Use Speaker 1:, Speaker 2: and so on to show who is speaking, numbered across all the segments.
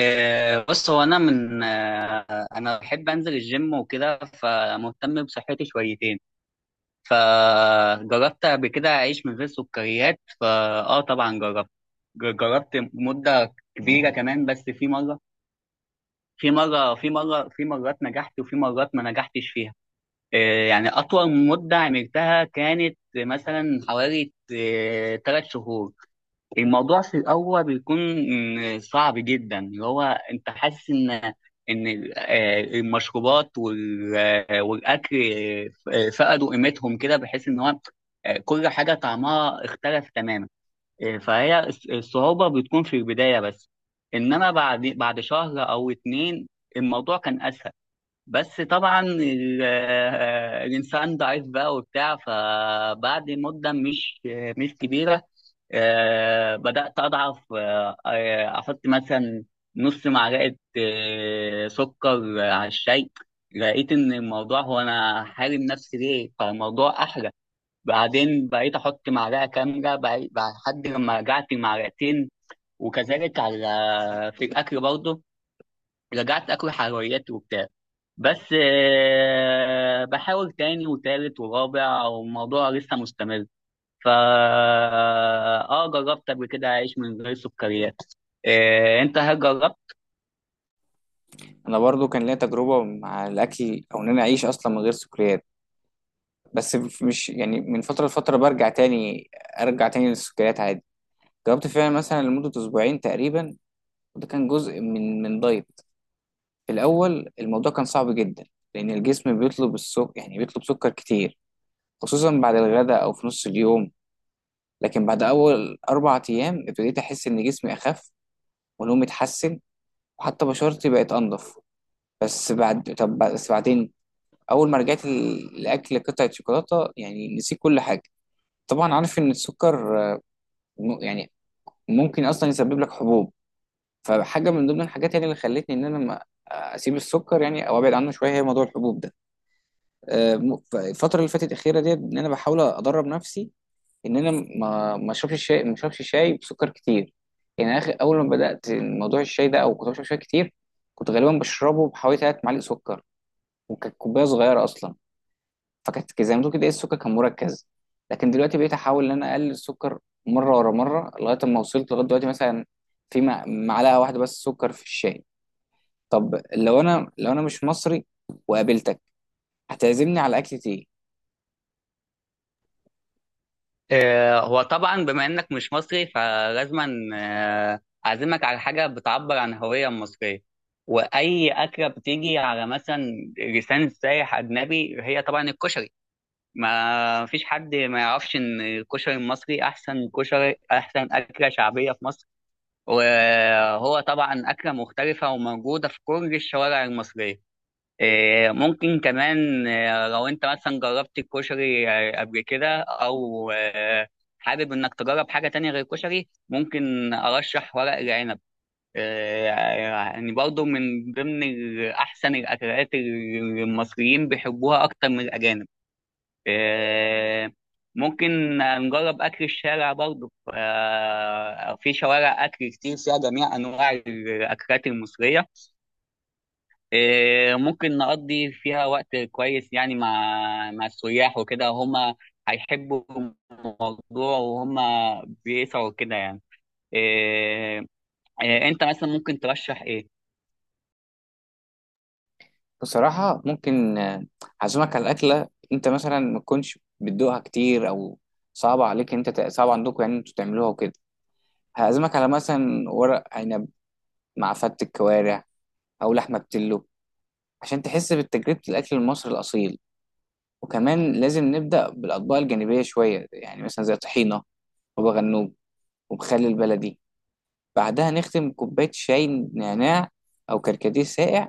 Speaker 1: بص هو انا من آه، انا بحب انزل الجيم وكده فمهتم بصحتي شويتين. فجربت قبل كده اعيش من غير سكريات فاه طبعا جربت جربت مده كبيره كمان، بس في مرات نجحت وفي مرات ما نجحتش فيها. يعني اطول مده عملتها كانت مثلا حوالي 3 شهور. الموضوع في الأول بيكون صعب جدا، اللي هو أنت حاسس إن إن المشروبات والأكل فقدوا قيمتهم كده، بحيث إن هو كل حاجة طعمها اختلف تماما. فهي الصعوبة بتكون في البداية بس، إنما بعد شهر أو اتنين الموضوع كان أسهل. بس طبعا الانسان ضعيف بقى وبتاع، فبعد مده مش كبيره بدات اضعف. احط مثلا نص معلقه سكر على الشاي، لقيت ان الموضوع هو انا حارم نفسي ليه فالموضوع احلى. بعدين بقيت احط معلقه كامله لحد لما رجعت معلقتين، وكذلك في الاكل برضه، رجعت اكل حلويات وبتاع. بس بحاول تاني وتالت ورابع والموضوع لسه مستمر. فا اه جربت قبل كده اعيش من غير سكريات. انت هل جربت؟
Speaker 2: انا برضو كان ليا تجربه مع الاكل او ان انا اعيش اصلا من غير سكريات. بس مش يعني من فتره لفتره برجع تاني، ارجع تاني للسكريات عادي. جربت فعلا مثلا لمده اسبوعين تقريبا، وده كان جزء من دايت. في الاول الموضوع كان صعب جدا، لان الجسم بيطلب السكر، يعني بيطلب سكر كتير، خصوصا بعد الغداء او في نص اليوم. لكن بعد اول اربع ايام ابتديت احس ان جسمي اخف، ونومي اتحسن، وحتى بشرتي بقت انضف. بس بعدين اول ما رجعت لاكل قطعه شوكولاته يعني نسيت كل حاجه. طبعا عارف ان السكر، يعني ممكن اصلا يسبب لك حبوب، فحاجه من ضمن الحاجات يعني اللي خلتني ان انا ما اسيب السكر يعني او ابعد عنه شويه هي موضوع الحبوب ده. الفتره اللي فاتت الاخيره ديت ان انا بحاول ادرب نفسي ان انا ما اشربش شاي، ما اشربش شاي بسكر كتير. يعني اخر اول ما بدات موضوع الشاي ده او كنت بشرب شاي كتير، كنت غالبا بشربه بحوالي 3 معالق سكر، وكانت كوبايه صغيره اصلا، زي ما تقول كده ايه، السكر كان مركز. لكن دلوقتي بقيت احاول ان انا اقلل السكر، مره ورا مره، لغايه اما وصلت لغايه دلوقتي مثلا في معلقه واحده بس سكر في الشاي. طب لو انا، لو انا مش مصري وقابلتك، هتعزمني على اكلة ايه؟
Speaker 1: هو طبعا بما انك مش مصري فلازما آه، اعزمك على حاجه بتعبر عن الهويه المصريه. واي اكله بتيجي على مثلا لسان سايح اجنبي هي طبعا الكشري. ما فيش حد ما يعرفش ان الكشري المصري احسن كشري، احسن اكله شعبيه في مصر. وهو طبعا اكله مختلفه وموجوده في كل الشوارع المصريه. ممكن كمان لو انت مثلا جربت الكشري قبل كده او حابب انك تجرب حاجه تانية غير الكشري، ممكن ارشح ورق العنب. إيه، يعني برضه من ضمن احسن الاكلات اللي المصريين بيحبوها اكتر من الاجانب. آه، ممكن نجرب أكل الشارع برضه. في شوارع أكل كتير فيها جميع أنواع الأكلات المصرية. ممكن نقضي فيها وقت كويس، يعني مع السياح وكده هما هيحبوا الموضوع وهما بيسعوا كده يعني. آه، أنت مثلا ممكن ترشح إيه؟
Speaker 2: بصراحه ممكن، هعزمك على اكله انت مثلا ما تكونش بتدوقها كتير، او صعبه عليك انت صعب عندكم يعني انتوا تعملوها وكده. هعزمك على مثلا ورق عنب مع فتة كوارع او لحمه بتلو، عشان تحس بتجربه الاكل المصري الاصيل. وكمان لازم نبدأ بالأطباق الجانبية شوية، يعني مثلا زي طحينة، بابا غنوج، ومخلل البلدي. بعدها نختم كوباية شاي نعناع أو كركديه ساقع.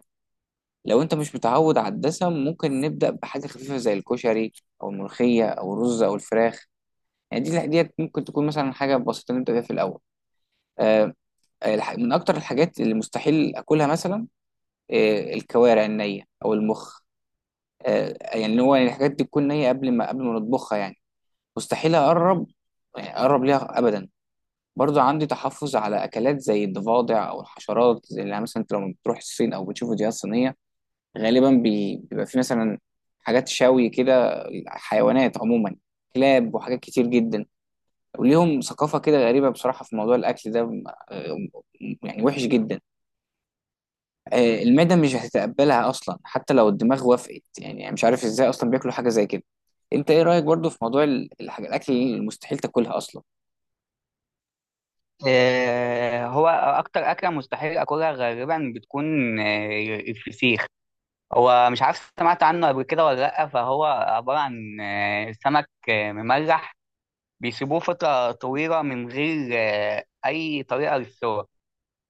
Speaker 2: لو أنت مش متعود على الدسم ممكن نبدأ بحاجة خفيفة زي الكشري أو الملوخية أو الرز أو الفراخ. يعني دي ديت ممكن تكون مثلا حاجة بسيطة نبدأ بيها في الأول. آه، من أكتر الحاجات اللي مستحيل أكلها مثلا، آه، الكوارع النية أو المخ. آه، يعني اللي هو يعني الحاجات دي تكون نية قبل ما نطبخها يعني، مستحيل اقرب، يعني اقرب ليها ابدا. برضو عندي تحفظ على اكلات زي الضفادع او الحشرات، زي اللي يعني مثلا انت لما بتروح الصين او بتشوف فيديوهات صينيه، غالبا بيبقى في مثلا حاجات شوي كده، حيوانات عموما، كلاب وحاجات كتير جدا، وليهم ثقافه كده غريبه بصراحه في موضوع الاكل ده. آه، يعني وحش جدا. آه، المعده مش هتتقبلها اصلا حتى لو الدماغ وافقت، يعني مش عارف ازاي اصلا بياكلوا حاجه زي كده. انت ايه رايك برضو في موضوع الاكل اللي مستحيل تاكلها اصلا؟
Speaker 1: هو أكتر أكلة مستحيل أكلها غالبا بتكون الفسيخ. هو مش عارف سمعت عنه قبل كده ولا لأ، فهو عبارة عن سمك مملح بيسيبوه فترة طويلة من غير أي طريقة للسوى.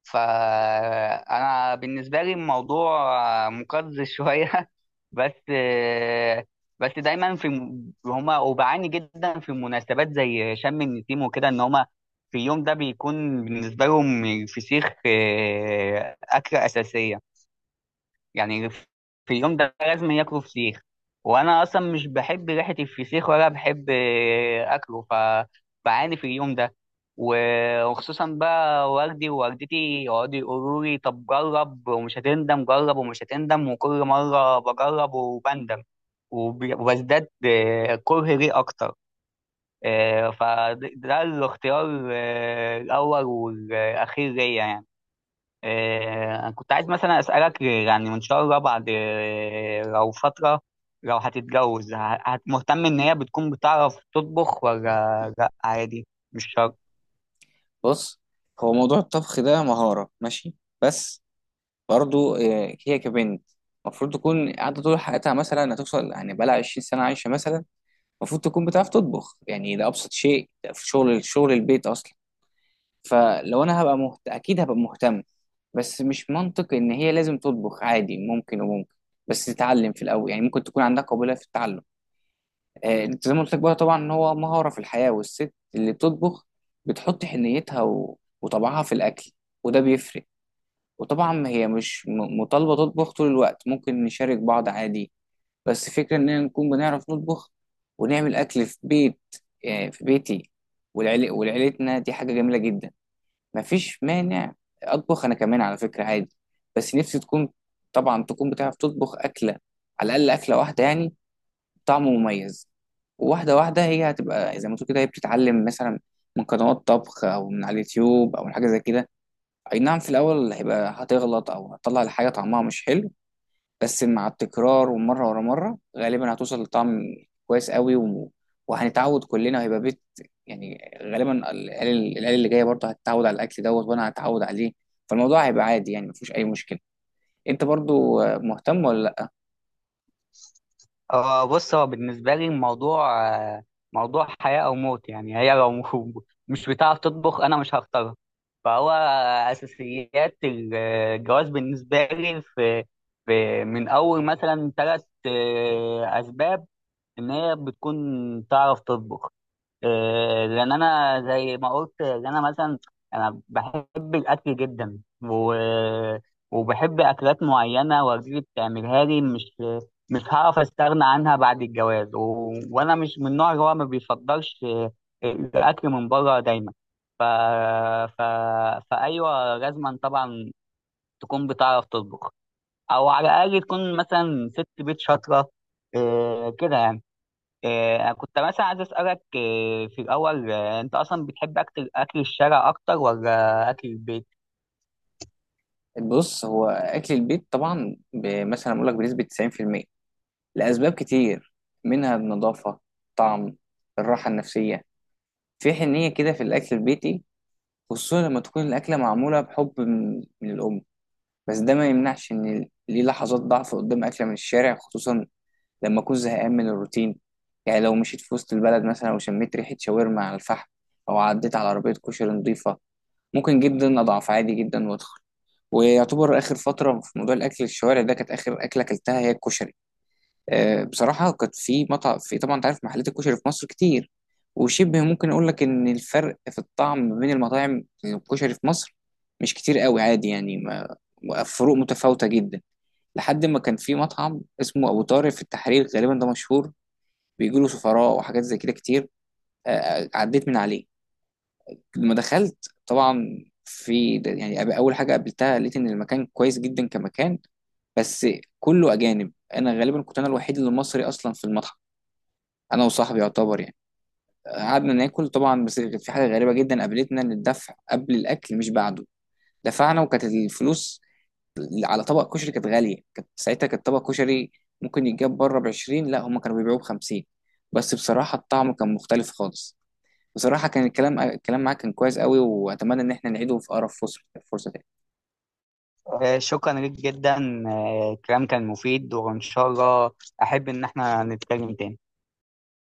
Speaker 1: فأنا بالنسبة لي الموضوع مقزز شوية بس آه، بس دايما في هما وبعاني جدا في مناسبات زي شم النسيم وكده، إن هما في اليوم ده بيكون بالنسبة لهم الفسيخ أكلة أساسية. يعني في اليوم ده لازم ياكلوا فسيخ. وانا اصلا مش بحب ريحه الفسيخ ولا بحب اكله، فبعاني في اليوم ده. وخصوصا بقى والدي ووالدتي يقعدوا يقولوا لي طب جرب ومش هتندم، جرب ومش هتندم، وكل مره بجرب وبندم وبزداد كره ليه اكتر. فده ده الاختيار الاول والاخير ليا يعني. أنا كنت عايز مثلا أسألك، يعني إن شاء الله بعد لو فترة لو هتتجوز مهتم إن هي بتكون بتعرف تطبخ ولا لأ عادي؟ مش شرط.
Speaker 2: بص، هو موضوع الطبخ ده مهارة ماشي، بس برضو، آه، هي كبنت المفروض تكون قاعدة طول حياتها مثلا، هتوصل يعني بقالها 20 سنة عايشة مثلا، المفروض تكون بتعرف تطبخ. يعني ده أبسط شيء في شغل البيت أصلا. فلو أنا هبقى مهت... أكيد هبقى مهتم. بس مش منطق إن هي لازم تطبخ، عادي، ممكن وممكن، بس تتعلم في الأول، يعني ممكن تكون عندها قابلية في التعلم. آه، انت زي ما قلت لك بقى طبعا ان هو مهاره في الحياه، والست اللي بتطبخ بتحط حنيتها و... وطبعها في الاكل، وده بيفرق. وطبعا هي مش مطالبه تطبخ طول الوقت، ممكن نشارك بعض عادي، بس فكره اننا نكون بنعرف نطبخ ونعمل اكل في بيت، آه، في بيتي ولعيلتنا دي حاجه جميله جدا. مفيش مانع اطبخ انا كمان على فكره عادي، بس نفسي تكون، طبعا تكون بتعرف تطبخ اكله، على الاقل اكله واحده يعني، طعمه مميز. واحدة واحدة، هي هتبقى زي ما تقول كده هي بتتعلم مثلا من قنوات طبخ أو من على اليوتيوب أو من حاجة زي كده. أي نعم في الأول هيبقى هتغلط أو هتطلع الحاجة طعمها مش حلو، بس مع التكرار ومرة ورا مرة غالبا هتوصل لطعم كويس قوي و... وهنتعود كلنا وهيبقى بيت. يعني غالبا العيال اللي جاية برضه هتتعود على الأكل دوت وأنا هتعود عليه. فالموضوع هيبقى عادي، يعني مفيش أي مشكلة. أنت برضه مهتم ولا لأ؟
Speaker 1: بص هو بالنسبة لي الموضوع موضوع حياة أو موت، يعني هي لو مش بتعرف تطبخ أنا مش هختارها. فهو أساسيات الجواز بالنسبة لي في من أول مثلا ثلاث أسباب إن هي بتكون تعرف تطبخ. لان انا زي ما قلت ان انا مثلا انا بحب الاكل جدا، وبحب اكلات معينه والدتي بتعملها لي، مش هعرف استغنى عنها بعد الجواز، وانا مش من النوع اللي هو ما بيفضلش الاكل من بره دايما. ف... ف... فايوه لازما طبعا تكون بتعرف تطبخ، او على الاقل تكون مثلا ست بيت شاطره كده يعني. كنت مثلا عايز أسألك في الأول أنت أصلا بتحب أكل الشارع أكتر ولا أكل البيت؟
Speaker 2: بص، هو اكل البيت طبعا مثلا اقول لك بنسبه 90%، لاسباب كتير، منها النظافه، طعم، الراحه النفسيه، في حنيه كده في الاكل البيتي، خصوصا لما تكون الاكله معموله بحب من الام. بس ده ما يمنعش ان ليه لحظات ضعف قدام اكله من الشارع، خصوصا لما اكون زهقان من الروتين. يعني لو مشيت في وسط البلد مثلا وشميت ريحه شاورما على الفحم او عديت على عربيه كشري نظيفه، ممكن جدا اضعف عادي جدا وادخل. ويعتبر اخر فتره في موضوع الاكل الشوارع ده كانت اخر اكله اكلتها هي الكشري. أه بصراحه كانت في مطعم، في طبعا انت عارف محلات الكشري في مصر كتير، وشبه ممكن اقول لك ان الفرق في الطعم ما بين المطاعم الكشري في مصر مش كتير قوي، عادي يعني، ما فروق متفاوته جدا. لحد ما كان في مطعم اسمه ابو طارق في التحرير، غالبا ده مشهور بيجيله سفراء وحاجات زي كده كتير. أه عديت من عليه. لما دخلت طبعا في اول حاجه قابلتها لقيت ان المكان كويس جدا كمكان، بس كله اجانب، انا غالبا كنت انا الوحيد اللي مصري اصلا في المطعم، انا وصاحبي يعتبر يعني. قعدنا ناكل طبعا، بس كانت في حاجه غريبه جدا قابلتنا ان الدفع قبل الاكل مش بعده. دفعنا وكانت الفلوس على طبق كشري كانت غاليه، كانت ساعتها كانت طبق كشري ممكن يتجاب بره ب 20، لا هم كانوا بيبيعوه ب 50. بس بصراحه الطعم كان مختلف خالص. بصراحة كان الكلام معاك كان كويس قوي، وأتمنى إن احنا نعيده في أقرب فرصة، فرصة تاني.
Speaker 1: شكرا ليك جدا. الكلام كان مفيد وإن شاء الله أحب إن إحنا نتكلم تاني.